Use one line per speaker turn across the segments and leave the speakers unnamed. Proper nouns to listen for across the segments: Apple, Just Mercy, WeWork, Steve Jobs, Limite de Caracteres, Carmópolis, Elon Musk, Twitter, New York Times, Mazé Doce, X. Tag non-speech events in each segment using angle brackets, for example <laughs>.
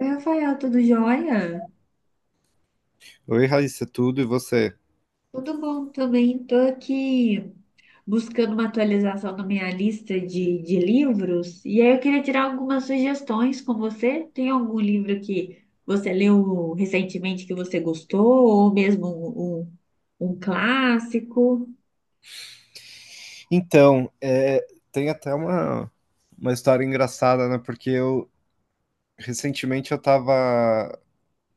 Oi, Rafael, tudo jóia?
Oi, Raíssa, tudo e você?
Tudo bom também. Estou aqui buscando uma atualização na minha lista de livros. E aí eu queria tirar algumas sugestões com você. Tem algum livro que você leu recentemente que você gostou? Ou mesmo um clássico?
Então, tem até uma história engraçada, né? Porque eu recentemente eu tava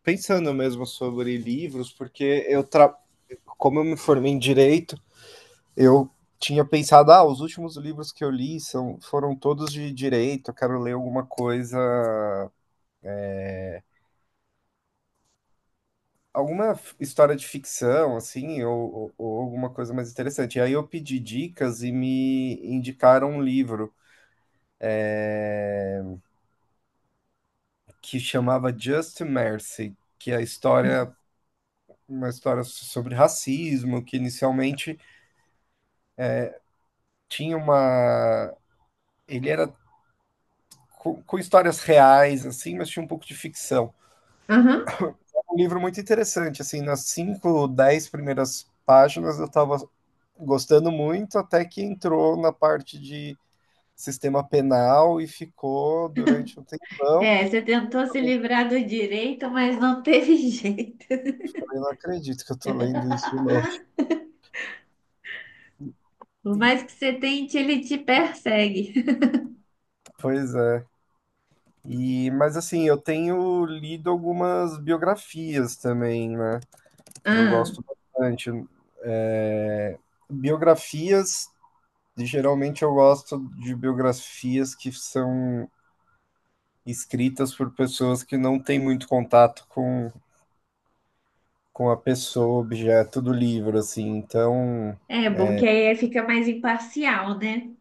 pensando mesmo sobre livros, como eu me formei em direito, eu tinha pensado, os últimos livros que eu li foram todos de direito, eu quero ler alguma coisa, alguma história de ficção, assim, ou alguma coisa mais interessante. E aí eu pedi dicas e me indicaram um livro que chamava Just Mercy, que é a história, uma história sobre racismo, que inicialmente tinha uma. Ele era com histórias reais, assim, mas tinha um pouco de ficção.
Aham.
Um livro muito interessante, assim, nas cinco, dez primeiras páginas eu estava gostando muito, até que entrou na parte de sistema penal e ficou durante um tempão.
É, você tentou se livrar do direito, mas não teve <laughs> jeito.
Falei, não acredito que eu tô lendo isso de novo.
Por mais que você tente, ele te persegue.
Pois é. E, mas assim, eu tenho lido algumas biografias também, né? Eu
Ah,
gosto bastante. É, biografias, geralmente eu gosto de biografias que são escritas por pessoas que não têm muito contato com a pessoa, objeto do livro, assim. Então,
é bom que aí fica mais imparcial, né?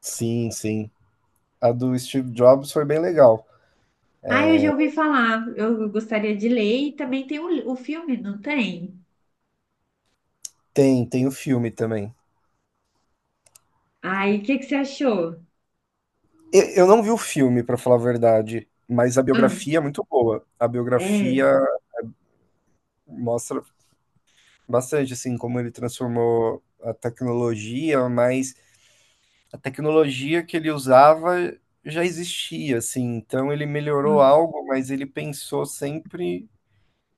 sim, sim. A do Steve Jobs foi bem legal.
Ah, eu já ouvi falar. Eu gostaria de ler e também tem o filme, não tem?
Tem o filme também.
Ai, o que que você achou?
Eu não vi o filme, pra falar a verdade, mas a
Ah,
biografia é muito boa. A biografia
é.
mostra bastante assim como ele transformou a tecnologia, mas a tecnologia que ele usava já existia, assim. Então ele melhorou
Ah.
algo, mas ele pensou sempre,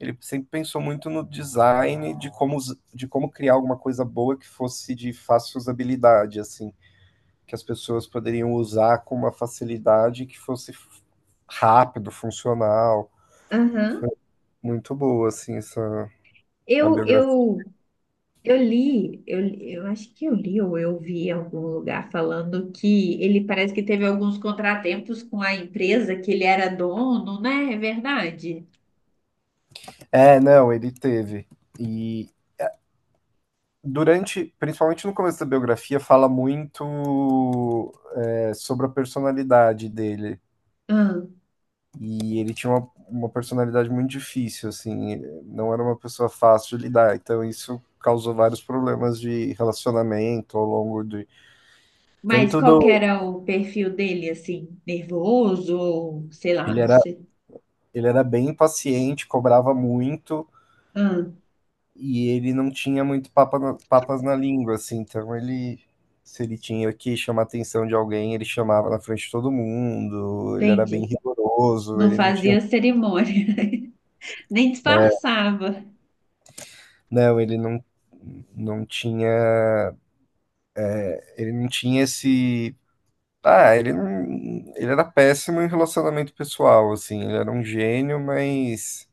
ele sempre pensou muito no design, de como de como criar alguma coisa boa que fosse de fácil usabilidade, assim. Que as pessoas poderiam usar com uma facilidade que fosse rápido, funcional. Foi
Aham.
muito boa, assim, essa a
Eu,
biografia.
eu, eu li, eu, eu acho que eu li ou eu vi em algum lugar falando que ele parece que teve alguns contratempos com a empresa que ele era dono, né? É verdade.
Não, ele teve. E durante, principalmente no começo da biografia, fala muito sobre a personalidade dele.
Ah,
E ele tinha uma personalidade muito difícil, assim, não era uma pessoa fácil de lidar. Então, isso causou vários problemas de relacionamento ao longo de.
mas
Tanto
qual que
do.
era o perfil dele, assim? Nervoso ou sei lá,
Ele
não
era
sei.
Ele era bem impaciente, cobrava muito
Ah,
e ele não tinha muito papas na língua, assim. Então ele, se ele tinha que chamar a atenção de alguém, ele chamava na frente de todo mundo. Ele era bem
entendi.
rigoroso.
Não
Ele não tinha,
fazia cerimônia. Nem disfarçava.
não, ele não, não tinha, ele não tinha esse. Ah, ele não, ele era péssimo em relacionamento pessoal, assim. Ele era um gênio,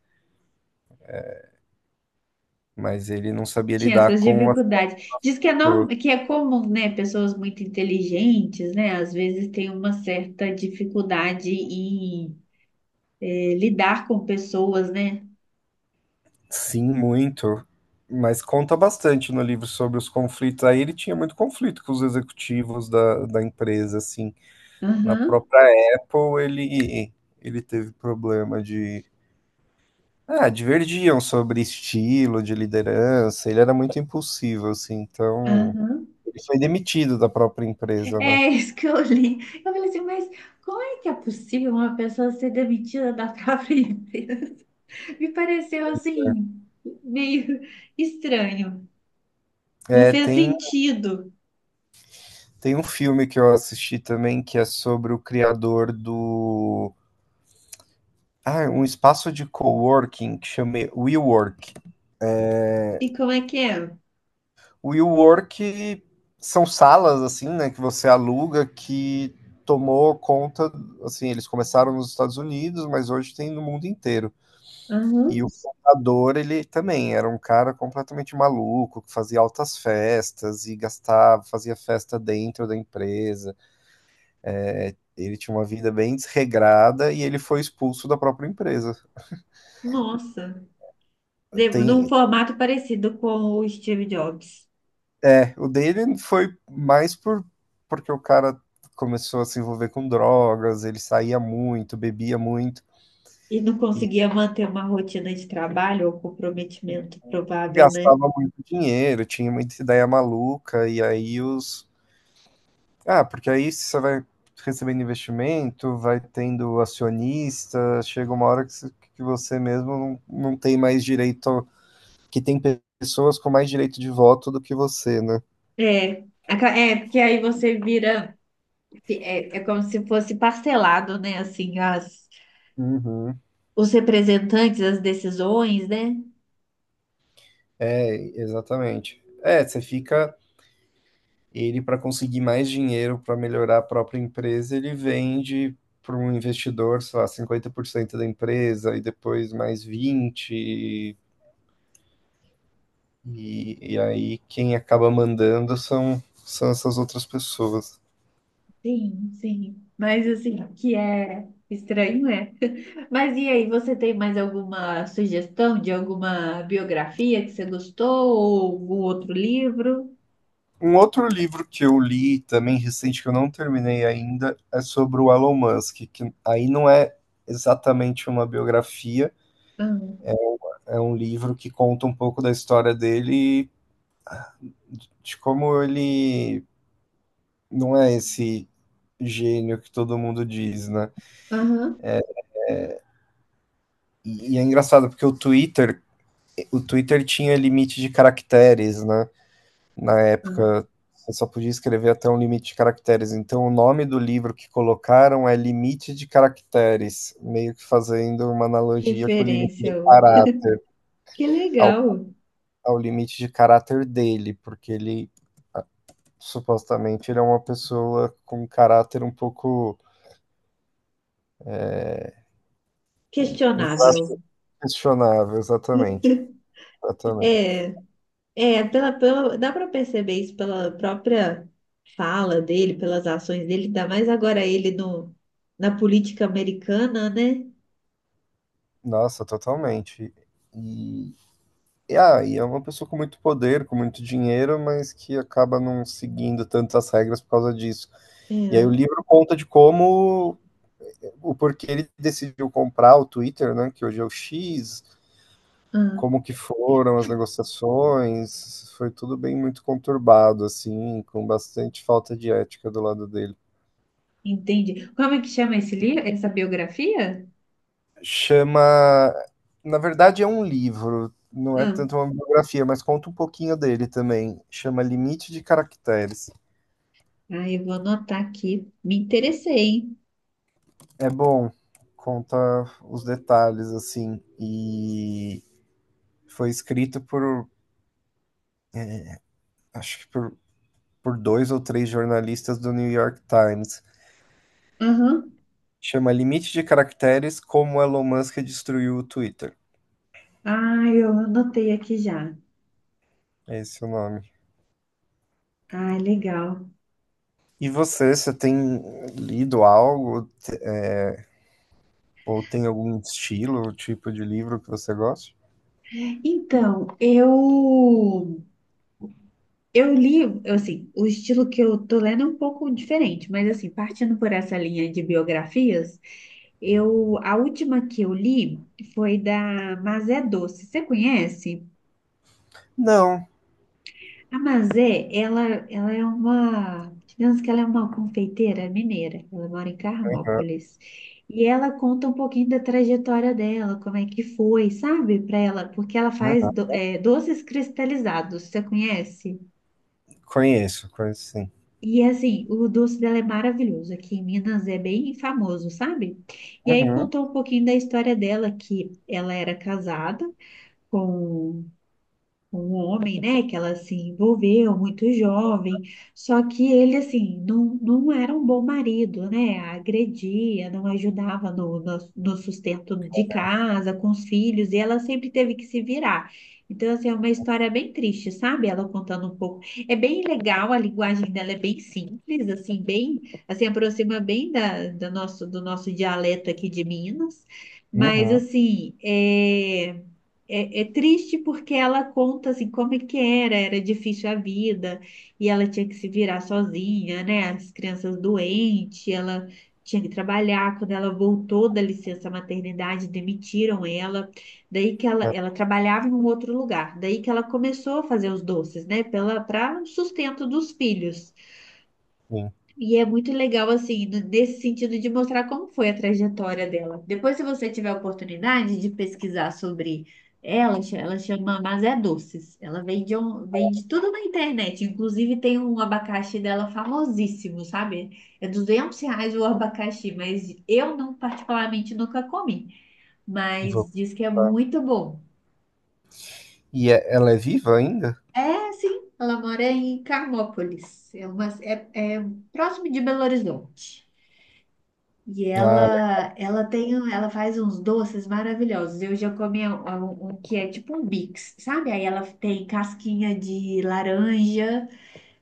mas ele não sabia
Tinha
lidar
essas
com as
dificuldades. Diz que é,
pessoas.
que é comum, né? Pessoas muito inteligentes, né? Às vezes tem uma certa dificuldade em lidar com pessoas, né?
Sim, muito. Mas conta bastante no livro sobre os conflitos. Aí ele tinha muito conflito com os executivos da empresa, assim. Na
Aham,
própria Apple, ele teve problema de. Ah, divergiam sobre estilo de liderança. Ele era muito impulsivo, assim. Então,
aham.
ele foi demitido da própria empresa, né?
É isso que eu li. Eu falei assim, mas como é que é possível uma pessoa ser demitida da <laughs> própria empresa? Me pareceu assim, meio estranho. Não
É,
fez
tem,
sentido.
tem um filme que eu assisti também que é sobre o criador do. Ah, um espaço de coworking que chama WeWork.
E como é que é?
O WeWork são salas assim, né, que você aluga que tomou conta, assim, eles começaram nos Estados Unidos, mas hoje tem no mundo inteiro.
Aham.
E o fundador, ele também era um cara completamente maluco, que fazia altas festas e gastava, fazia festa dentro da empresa. Ele tinha uma vida bem desregrada e ele foi expulso da própria empresa.
Nossa. Num
Tem,
formato parecido com o Steve Jobs.
é, o dele foi mais porque o cara começou a se envolver com drogas, ele saía muito, bebia muito
E não
e
conseguia manter uma rotina de trabalho ou comprometimento provável, né?
gastava muito dinheiro, tinha muita ideia maluca, e aí os. Ah, porque aí você vai recebendo investimento, vai tendo acionista, chega uma hora que você mesmo não, não tem mais direito, que tem pessoas com mais direito de voto do que você, né?
É, é porque aí você vira, é, é como se fosse parcelado, né? Assim,
Uhum.
os representantes, as decisões, né?
É, exatamente. Você fica Ele, para conseguir mais dinheiro para melhorar a própria empresa, ele vende para um investidor, sei lá, 50% da empresa e depois mais 20%. E aí quem acaba mandando são essas outras pessoas.
Sim, sim. Mas assim, o que é estranho, é. <laughs> Mas e aí, você tem mais alguma sugestão de alguma biografia que você gostou ou algum outro livro?
Um outro livro que eu li também recente, que eu não terminei ainda, é sobre o Elon Musk, que aí não é exatamente uma biografia,
Hum.
é um livro que conta um pouco da história dele, de como ele não é esse gênio que todo mundo diz, né?
Aham.
E é engraçado porque o Twitter tinha limite de caracteres, né? Na
Ah,
época, você só podia escrever até um limite de caracteres. Então, o nome do livro que colocaram é Limite de Caracteres, meio que fazendo uma analogia com o limite
referência
de
outra.
caráter,
Que
ao,
legal.
ao limite de caráter dele, porque ele supostamente ele é uma pessoa com um caráter um pouco um caráter
Questionável.
questionável, exatamente, exatamente.
É, é dá para perceber isso pela própria fala dele, pelas ações dele, ainda mais agora ele no, na política americana, né?
Nossa, totalmente. E, e é uma pessoa com muito poder, com muito dinheiro, mas que acaba não seguindo tantas regras por causa disso. E aí o
É.
livro conta de como, o porquê ele decidiu comprar o Twitter, né, que hoje é o X,
Ah,
como que foram as negociações, foi tudo bem muito conturbado, assim, com bastante falta de ética do lado dele.
entendi. Como é que chama esse livro, essa biografia?
Chama. Na verdade, é um livro, não é
Ah,
tanto uma biografia, mas conta um pouquinho dele também. Chama Limite de Caracteres.
ah, eu vou anotar aqui. Me interessei, hein?
É bom, conta os detalhes, assim. E foi escrito por, acho que por, dois ou três jornalistas do New York Times.
Aham.
Chama Limite de Caracteres: Como Elon Musk Destruiu o Twitter.
Ah, eu anotei aqui já.
Esse é o nome.
Ah, legal.
E você tem lido algo? Ou tem algum estilo, tipo de livro que você gosta?
Então, eu li, assim, o estilo que eu tô lendo é um pouco diferente, mas assim, partindo por essa linha de biografias, eu a última que eu li foi da Mazé Doce. Você conhece?
Não,
A Mazé, ela é uma, digamos que ela é uma confeiteira mineira. Ela mora em
aham,
Carmópolis. E ela conta um pouquinho da trajetória dela, como é que foi, sabe, para ela, porque ela faz
aham.
doces cristalizados. Você conhece?
Conheço, conheço sim.
E assim, o doce dela é maravilhoso. Aqui em Minas é bem famoso, sabe? E aí
Uhum,
contou um pouquinho da história dela, que ela era casada com um homem, né, que ela se envolveu muito jovem, só que ele, assim, não era um bom marido, né, agredia, não ajudava no sustento de casa, com os filhos, e ela sempre teve que se virar. Então, assim, é uma história bem triste, sabe? Ela contando um pouco. É bem legal, a linguagem dela é bem simples, assim, bem, assim, aproxima bem do nosso dialeto aqui de Minas. Mas,
uhum.
assim, é triste porque ela conta assim como é que era, era difícil a vida e ela tinha que se virar sozinha, né? As crianças doentes, ela tinha que trabalhar. Quando ela voltou da licença maternidade, demitiram ela. Daí que ela,
Ah,
ela trabalhava em um outro lugar. Daí que ela começou a fazer os doces, né? Pela, para o sustento dos filhos.
sim,
E é muito legal, assim, nesse sentido de mostrar como foi a trajetória dela. Depois, se você tiver a oportunidade de pesquisar sobre ela, ela chama Mazé Doces. Ela vende, um, vende tudo na internet. Inclusive, tem um abacaxi dela famosíssimo, sabe? É R$ 200 o abacaxi, mas eu não, particularmente, nunca comi.
vou.
Mas diz que é muito bom.
E é- ela é viva ainda?
É, sim, ela mora em Carmópolis. É, uma, é próximo de Belo Horizonte. E
Ah,
ela tem, ela faz uns doces maravilhosos. Eu já comi um que é tipo um Bix, sabe? Aí ela tem casquinha de laranja,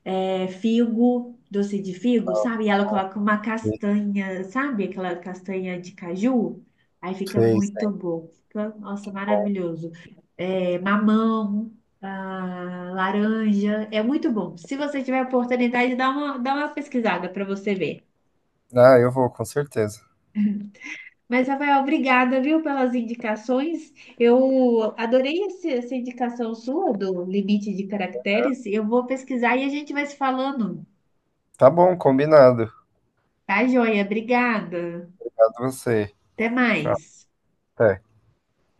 é, figo, doce de figo, sabe? E ela coloca uma
ela
castanha, sabe? Aquela castanha de caju. Aí fica
fez, tá
muito bom. Fica, nossa,
bom.
maravilhoso. É, mamão, ah, laranja. É muito bom. Se você tiver a oportunidade, dá uma pesquisada para você ver.
Ah, eu vou, com certeza.
Mas, Rafael, obrigada, viu, pelas indicações. Eu adorei essa indicação sua do Limite de Caracteres. Eu vou pesquisar e a gente vai se falando.
Tá bom, combinado.
Tá, joia? Obrigada.
Obrigado a você.
Até
Tchau,
mais.
até.